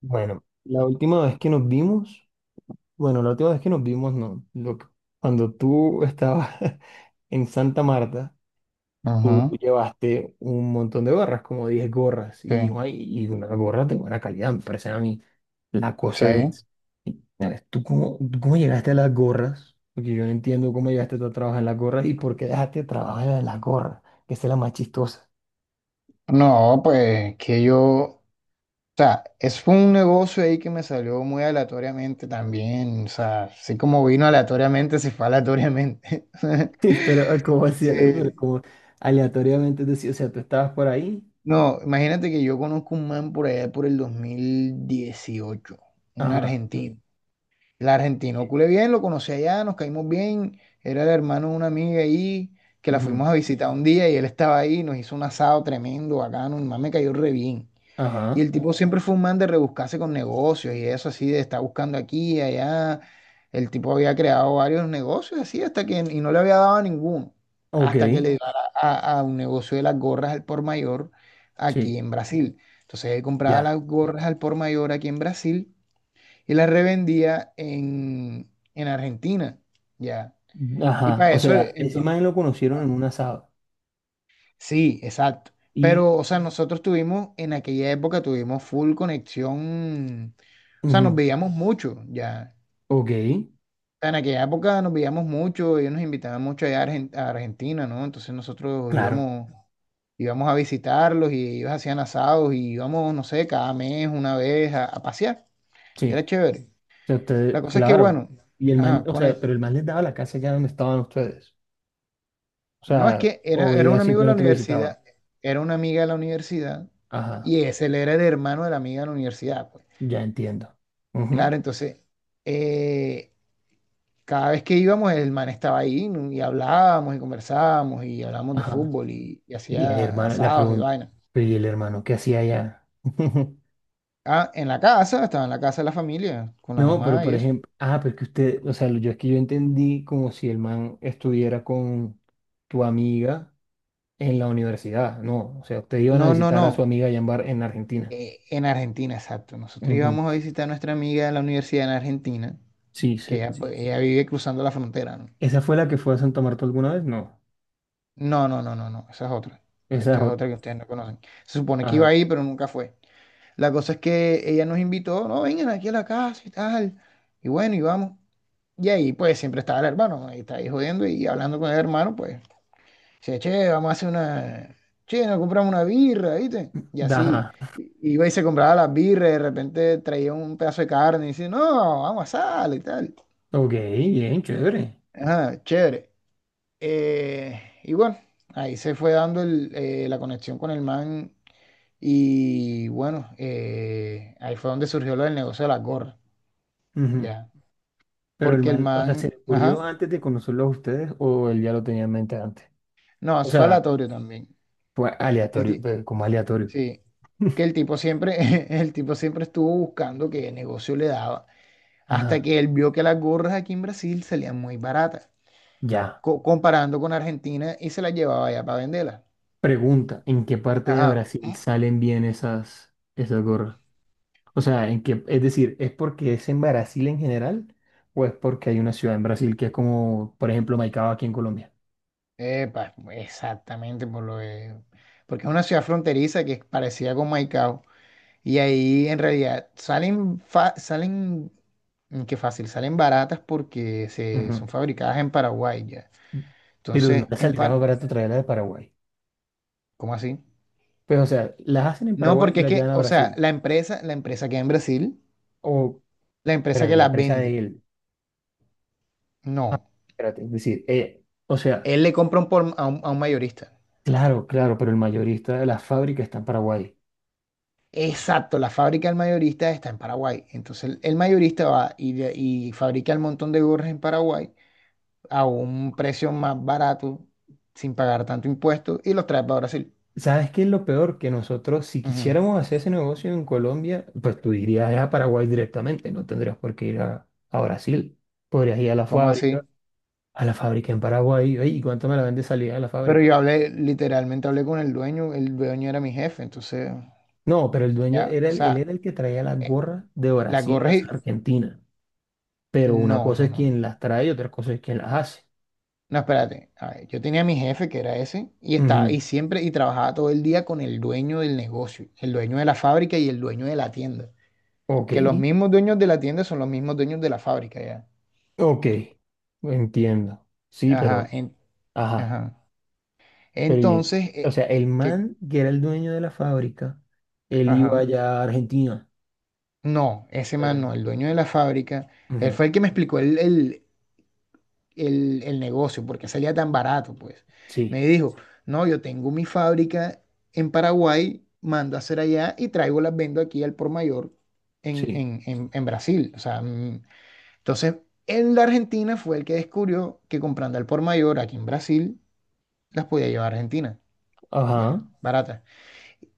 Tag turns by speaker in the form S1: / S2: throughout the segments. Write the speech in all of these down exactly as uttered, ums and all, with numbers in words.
S1: Bueno, la última vez que nos vimos, bueno, la última vez que nos vimos, no, lo que- cuando tú estabas en Santa Marta, tú
S2: Ajá,
S1: llevaste un montón de gorras, como diez gorras,
S2: sí,
S1: y, guay, y una gorra de buena calidad, me parecen a mí. La cosa
S2: sí.
S1: es, ¿sabes? ¿Tú cómo, tú cómo llegaste a las gorras? Porque yo no entiendo cómo llegaste tú a trabajar en las gorras y por qué dejaste trabajar en las gorras, que esa es la más chistosa.
S2: No, pues que yo, o sea, es un negocio ahí que me salió muy aleatoriamente también, o sea, así como vino aleatoriamente, se fue aleatoriamente.
S1: Pero como hacía, pero
S2: Sí.
S1: como aleatoriamente decía, o sea, tú estabas por ahí,
S2: No, imagínate que yo conozco un man por allá por el dos mil dieciocho, un
S1: ajá.
S2: argentino. El argentino,
S1: Sí.
S2: culé bien, lo conocí allá, nos caímos bien, era el hermano de una amiga ahí, que la
S1: Ujú.
S2: fuimos a visitar un día y él estaba ahí, nos hizo un asado tremendo, bacano, el man me cayó re bien. Y
S1: Ajá,
S2: el tipo siempre fue un man de rebuscarse con negocios y eso, así de estar buscando aquí y allá. El tipo había creado varios negocios así, hasta que y no le había dado a ninguno.
S1: ok,
S2: Hasta que le dio a, a- a un negocio de las gorras al por mayor aquí
S1: sí,
S2: en Brasil. Entonces él compraba las
S1: ya.
S2: gorras al por mayor aquí en Brasil y las revendía en, en Argentina. Ya. Y
S1: Ajá,
S2: para
S1: o
S2: eso,
S1: sea, ese
S2: entonces.
S1: man lo conocieron en un asado.
S2: Sí, exacto.
S1: Y,
S2: Pero, o sea, nosotros tuvimos, en aquella época tuvimos full conexión, o sea, nos
S1: ujú,
S2: veíamos mucho ya.
S1: ok,
S2: En aquella época nos veíamos mucho, ellos nos invitaban mucho allá a Argen- a Argentina, ¿no? Entonces nosotros
S1: claro,
S2: íbamos, íbamos a visitarlos y ellos hacían asados y íbamos, no sé, cada mes, una vez a, a pasear. Era
S1: sí.
S2: chévere.
S1: O sea,
S2: La
S1: ustedes,
S2: cosa es que,
S1: claro.
S2: bueno,
S1: Y el man,
S2: ajá,
S1: o
S2: con el...
S1: sea, pero el man les daba la casa allá donde estaban ustedes. O
S2: No, es
S1: sea,
S2: que era,
S1: o
S2: era
S1: ella
S2: un amigo de la
S1: simplemente lo visitaba.
S2: universidad, era una amiga de la universidad,
S1: Ajá,
S2: y ese él era el hermano de la amiga de la universidad, pues.
S1: ya entiendo.
S2: Claro,
S1: Ujú,
S2: entonces, eh, cada vez que íbamos, el man estaba ahí, ¿no? Y hablábamos y conversábamos y hablábamos de
S1: ajá.
S2: fútbol, y, y
S1: Y el
S2: hacía
S1: hermano, la
S2: asados y
S1: pregunta,
S2: vaina.
S1: pero ¿y el hermano qué hacía allá?
S2: Ah, en la casa, estaba en la casa de la familia, con la
S1: No, pero
S2: mamá y
S1: por
S2: eso.
S1: ejemplo, ah, pero es que usted, o sea, yo es que yo entendí como si el man estuviera con tu amiga en la universidad. No, o sea, ustedes iban a
S2: No, no,
S1: visitar
S2: no,
S1: a su amiga allá en Bar- en Argentina.
S2: eh, en Argentina, exacto. Nosotros
S1: Ujú.
S2: íbamos a visitar a nuestra amiga de la universidad en Argentina,
S1: Sí,
S2: que
S1: sí.
S2: ella, pues, sí, ella vive cruzando la frontera, ¿no?
S1: ¿Esa fue la que fue a Santa Marta alguna vez? No.
S2: No, no, no, no, no, esa es otra.
S1: Esa es
S2: Esta es
S1: otra.
S2: otra que ustedes no conocen. Se supone que iba
S1: Ajá.
S2: ahí, pero nunca fue. La cosa es que ella nos invitó, no, vengan aquí a la casa y tal. Y bueno, y vamos. Y ahí pues siempre estaba el hermano, ahí está ahí jodiendo y hablando con el hermano, pues, dice, che, vamos a hacer una, che, nos compramos una birra, ¿viste? Y así,
S1: Da- Ajá.
S2: i- iba y se compraba las birras, de repente traía un pedazo de carne y dice, no, vamos a asar y tal.
S1: Ok, bien, chévere.
S2: Ajá, chévere. Eh, y bueno, ahí se fue dando el, eh, la conexión con el man, y bueno, eh, ahí fue donde surgió lo del negocio de las gorras.
S1: Ujú.
S2: Ya.
S1: Pero el
S2: Porque el
S1: man, o sea,
S2: man,
S1: ¿se le ocurrió
S2: ajá.
S1: antes de conocerlo a ustedes o él ya lo tenía en mente antes?
S2: No,
S1: O
S2: es
S1: sea,
S2: falatorio también.
S1: fue
S2: El
S1: aleatorio,
S2: ti-
S1: eh, como aleatorio.
S2: sí. Que el tipo siempre, el tipo siempre estuvo buscando qué negocio le daba. Hasta
S1: Ajá.
S2: que él vio que las gorras aquí en Brasil salían muy baratas,
S1: Ya.
S2: co- comparando con Argentina, y se las llevaba allá para venderlas.
S1: Pregunta, ¿en qué parte de
S2: Ajá.
S1: Brasil salen bien esas, esas gorras? O sea, ¿en qué, es decir, ¿es porque es en Brasil en general o es porque hay una ciudad en Brasil que es como, por ejemplo, Maicao aquí en Colombia?
S2: Epa, exactamente por lo de- porque es una ciudad fronteriza que es parecida con Maicao. Y ahí en realidad salen, fa- salen Mm, qué fácil, salen baratas porque se,
S1: Ujú.
S2: son fabricadas en Paraguay, ya.
S1: Pero no
S2: Entonces,
S1: les
S2: en
S1: saldría más
S2: par,
S1: barato traerla de Paraguay.
S2: ¿cómo así?
S1: Pues, o sea, las hacen en
S2: No,
S1: Paraguay y
S2: porque es
S1: las
S2: que,
S1: llevan a
S2: o sea,
S1: Brasil.
S2: la empresa, la empresa que en Brasil,
S1: O,
S2: la empresa
S1: pero
S2: que
S1: de la
S2: las
S1: empresa de
S2: vende,
S1: él. Ah,
S2: no,
S1: espérate, es decir, eh, o sea,
S2: él le compra un por- a un, a un mayorista.
S1: claro, claro, pero el mayorista de la fábrica está en Paraguay.
S2: Exacto, la fábrica del mayorista está en Paraguay. Entonces, el, el mayorista va y, de- y fabrica el montón de gorras en Paraguay a un precio más barato, sin pagar tanto impuesto, y los trae para Brasil.
S1: ¿Sabes qué es lo peor? Que nosotros, si
S2: Ujú.
S1: quisiéramos hacer ese negocio en Colombia, pues tú irías a Paraguay directamente, no tendrías por qué ir a, a Brasil. Podrías ir a la
S2: ¿Cómo
S1: fábrica,
S2: así?
S1: a la fábrica en Paraguay, "Ey, ¿y cuánto me la vende salida de la
S2: Pero
S1: fábrica?
S2: yo hablé, literalmente hablé con el dueño, el dueño era mi jefe, entonces
S1: No, pero el dueño
S2: ya,
S1: era
S2: o
S1: el, él
S2: sea,
S1: era el que traía las
S2: eh,
S1: gorras de
S2: las
S1: Brasil,
S2: gorras
S1: las
S2: y...
S1: Argentina. Pero una
S2: No,
S1: cosa
S2: no,
S1: es
S2: no, no.
S1: quien las trae y otra cosa es quien las hace.
S2: No, espérate. A ver, yo tenía a mi jefe, que era ese, y estaba,
S1: Ujú.
S2: y siempre, y trabajaba todo el día con el dueño del negocio, el dueño de la fábrica y el dueño de la tienda.
S1: Ok,
S2: Que los mismos dueños de la tienda son los mismos dueños de la fábrica, ya.
S1: ok, entiendo. Sí, pero,
S2: Ajá, en-
S1: ajá.
S2: ajá.
S1: Pero, y-
S2: Entonces,
S1: o
S2: eh,
S1: sea, el
S2: que,
S1: man que era el dueño de la fábrica, él iba
S2: ajá.
S1: allá a Argentina.
S2: No, ese man no,
S1: Fuera.
S2: el dueño de la fábrica, él
S1: Ujú,
S2: fue el que me explicó el, el, el, el negocio, porque salía tan barato, pues.
S1: sí,
S2: Me dijo, no, yo tengo mi fábrica en Paraguay, mando a hacer allá y traigo las vendo aquí al por mayor en,
S1: sí.
S2: en, en, en Brasil. O sea, mm, entonces, él de Argentina fue el que descubrió que comprando al por mayor aquí en Brasil, las podía llevar a Argentina,
S1: Ajá.
S2: ya, baratas.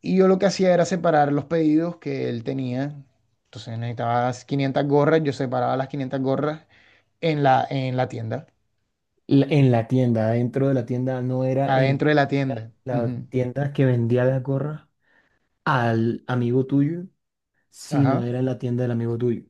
S2: Y yo lo que hacía era separar los pedidos que él tenía. Entonces necesitaba quinientas gorras, yo separaba las quinientas gorras en la, en la tienda.
S1: La- en la tienda, dentro de la tienda, no era en
S2: Adentro de la tienda.
S1: la
S2: Ujú.
S1: tienda que vendía la gorra al amigo tuyo, sino
S2: Ajá.
S1: era en la tienda del amigo tuyo.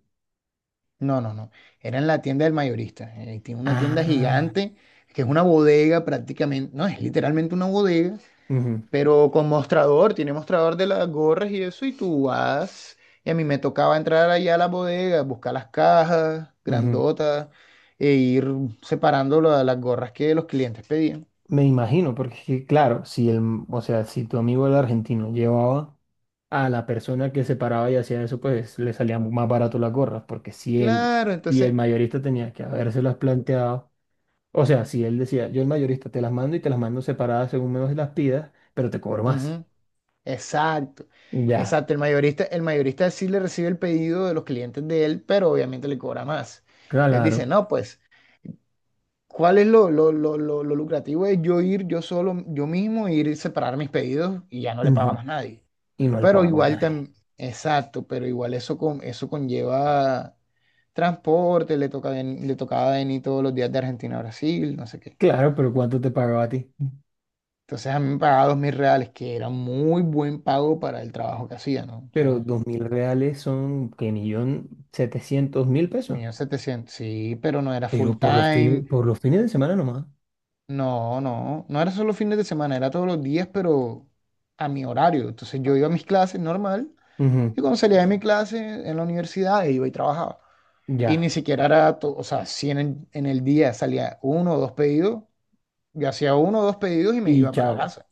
S2: No, no, no. Era en la tienda del mayorista. Eh, tiene una tienda
S1: Ah.
S2: gigante, que es una bodega prácticamente. No, es literalmente una bodega,
S1: Ujú,
S2: pero con mostrador. Tiene mostrador de las gorras y eso. Y tú vas. Y a mí me tocaba entrar allá a la bodega, buscar las cajas
S1: ujú.
S2: grandotas e ir separando la- las gorras que los clientes pedían.
S1: Me imagino, porque es que, claro, si el, o sea, si tu amigo el argentino, llevaba a la persona que se paraba y hacía eso, pues le salía más barato las gorras, porque si él
S2: Claro,
S1: y el
S2: entonces,
S1: mayorista tenía que habérselas planteado, o sea, si él decía, yo el mayorista te las mando y te las mando separadas según menos las pidas, pero te cobro más.
S2: ujú. Exacto,
S1: Ya,
S2: exacto. El mayorista, el mayorista sí le recibe el pedido de los clientes de él, pero obviamente le cobra más. Entonces
S1: claro.
S2: dice, no, pues, ¿cuál es lo, lo, lo, lo, lo lucrativo de yo ir yo solo, yo mismo, ir y separar mis pedidos y ya no le paga
S1: Ujú,
S2: más nadie?
S1: y no le
S2: Pero
S1: pagaba a
S2: igual
S1: nadie.
S2: también, exacto, pero igual eso, con, eso conlleva transporte, le toca, ven- le tocaba venir todos los días de Argentina a Brasil, no sé qué.
S1: Claro, pero ¿cuánto te pagaba a ti?
S2: Entonces a mí me pagaba dos mil reales, que era muy buen pago para el trabajo que hacía, ¿no?
S1: Pero dos mil reales son que millón setecientos mil pesos.
S2: Mil setecientos, sí, pero no era full
S1: Pero por los fines,
S2: time,
S1: por los fines de semana nomás.
S2: no, no, no era solo fines de semana, era todos los días, pero a mi horario. Entonces yo iba a mis clases normal, y
S1: Ujú,
S2: cuando salía de mi clase en la universidad iba y trabajaba. Y ni
S1: ya.
S2: siquiera era, to- o sea, si en el, en el día salía uno o dos pedidos, yo hacía uno o dos pedidos y me
S1: Y
S2: iba para la
S1: chavo.
S2: casa.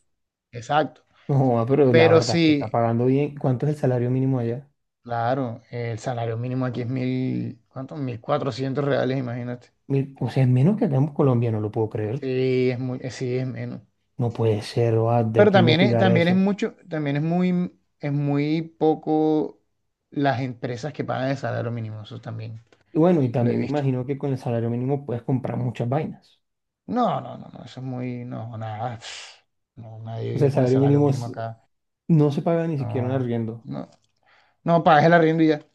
S2: Exacto.
S1: No, ah, pero la
S2: Pero
S1: verdad es que está
S2: sí,
S1: pagando bien. ¿Cuánto es el salario mínimo allá?
S2: claro, el salario mínimo aquí es mil, ¿cuánto? Mil cuatrocientos reales, imagínate.
S1: Mil- o sea, es menos que acá en Colombia, no lo puedo creer.
S2: Sí, es muy, eh, sí, es menos.
S1: No puede ser, o tengo
S2: Pero
S1: que
S2: también es,
S1: investigar
S2: también es
S1: eso.
S2: mucho, también es muy, es muy poco las empresas que pagan el salario mínimo, eso también
S1: Y bueno, y
S2: lo he
S1: también me
S2: visto.
S1: imagino que con el salario mínimo puedes comprar muchas vainas.
S2: No, no, no, no, eso es muy, no, nada, pf, no, nadie
S1: O sea,
S2: vive
S1: el
S2: con el
S1: salario
S2: salario
S1: mínimo
S2: mínimo
S1: es-
S2: acá,
S1: no se paga ni siquiera un
S2: no,
S1: arriendo.
S2: no, no, pagas el arriendo y ya,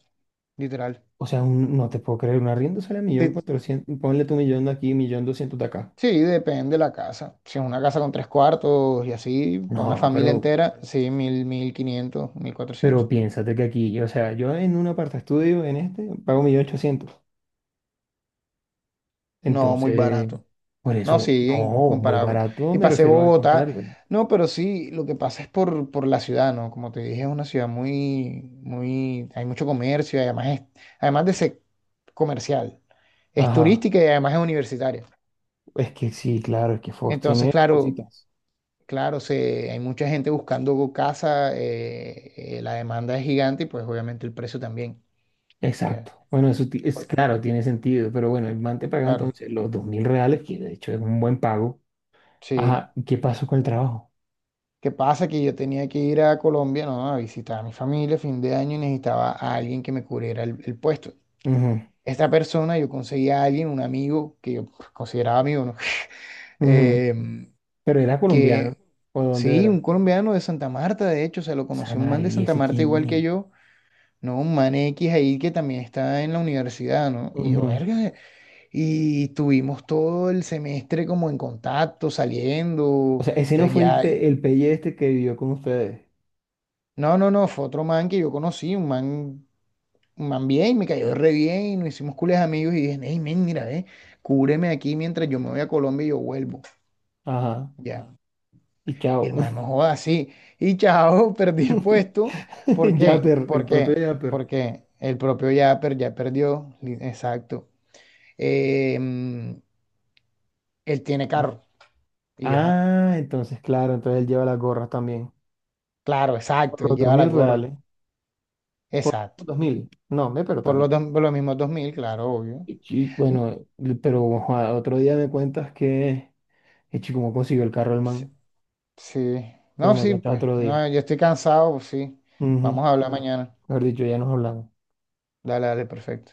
S2: literal.
S1: O sea, un- no te puedo creer, un arriendo sale a
S2: Sí,
S1: millón cuatrocientos, ponle tu millón de aquí, millón doscientos de acá.
S2: sí, depende de la casa, si es una casa con tres cuartos y así, para una
S1: No,
S2: familia
S1: pero,
S2: entera, sí, mil, mil quinientos, mil cuatrocientos,
S1: pero piénsate que aquí, o sea, yo en un aparta estudio, en este, pago millón ochocientos.
S2: no, muy
S1: Entonces,
S2: barato.
S1: por
S2: No,
S1: eso,
S2: sí,
S1: no, muy
S2: comparado.
S1: barato,
S2: Y
S1: me
S2: pasé
S1: refiero al
S2: Bogotá.
S1: contrario.
S2: No, pero sí, lo que pasa es por, por la ciudad, ¿no? Como te dije, es una ciudad muy, muy, hay mucho comercio, y además es, además de ser comercial, es
S1: Ajá,
S2: turística y además es universitaria.
S1: es que sí, claro, es que Fox
S2: Entonces,
S1: tiene
S2: claro,
S1: cositas.
S2: claro, se, hay mucha gente buscando casa, eh, eh, la demanda es gigante y pues obviamente el precio también, ya.
S1: Exacto. Bueno, eso ti- es claro, tiene sentido, pero bueno, el man te paga
S2: Claro,
S1: entonces los dos mil reales, que de hecho es un buen pago.
S2: sí.
S1: Ajá, ¿y ¿qué pasó con el trabajo?
S2: ¿Qué pasa? Que yo tenía que ir a Colombia, ¿no? A visitar a mi familia fin de año, y necesitaba a alguien que me cubriera el, el puesto.
S1: Ujú,
S2: Esta persona, yo conseguí a alguien, un amigo, que yo, pues, consideraba amigo, ¿no?
S1: ujú.
S2: Eh,
S1: Pero era colombiano,
S2: que
S1: ¿o de dónde
S2: sí, un
S1: era?
S2: colombiano de Santa Marta, de hecho, se lo conocí, un man
S1: Samario,
S2: de
S1: ¿y
S2: Santa
S1: ese
S2: Marta
S1: quién
S2: igual
S1: es?
S2: que yo, ¿no? Un man X ahí que también está en la universidad, ¿no? Y yo,
S1: Ujú.
S2: verga, y tuvimos todo el semestre como en contacto,
S1: O
S2: saliendo,
S1: sea, ese no
S2: entonces
S1: fue el,
S2: ya...
S1: pe- el pelle este que vivió con ustedes.
S2: No, no, no, fue otro man que yo conocí, un man man bien, me cayó re bien, y nos hicimos cules amigos y dije, hey, men, mira, ve, cúbreme aquí mientras yo me voy a Colombia y yo vuelvo,
S1: Ajá,
S2: ya.
S1: y
S2: Y
S1: chao.
S2: hermano man, no joda, así. Y chao, perdí el puesto. ¿Por qué?
S1: Yapper,
S2: ¿Por
S1: el propio
S2: qué?
S1: Yapper.
S2: Porque el propio Yapper, ya perdió, li- exacto. Eh, mm, Él tiene carro y yo no.
S1: Ah, entonces, claro, entonces él lleva las gorras también.
S2: Claro, exacto,
S1: Por
S2: él
S1: los dos
S2: lleva la
S1: mil
S2: gorra,
S1: reales. Por
S2: exacto.
S1: los dos mil. No, me, pero
S2: Por
S1: también.
S2: los, dos- por los mismos dos mil, claro, obvio.
S1: Y, chi- bueno, eh, pero ojalá, otro día me cuentas que. Echi, ¿cómo consiguió el carro el
S2: Sí,
S1: man?
S2: sí.
S1: Pero
S2: No,
S1: me
S2: sí,
S1: cuentas
S2: pues,
S1: otro día.
S2: no, yo estoy cansado, pues sí.
S1: Ujú.
S2: Vamos a hablar
S1: Bueno,
S2: mañana.
S1: mejor dicho, ya nos hablamos.
S2: Dale, dale, perfecto.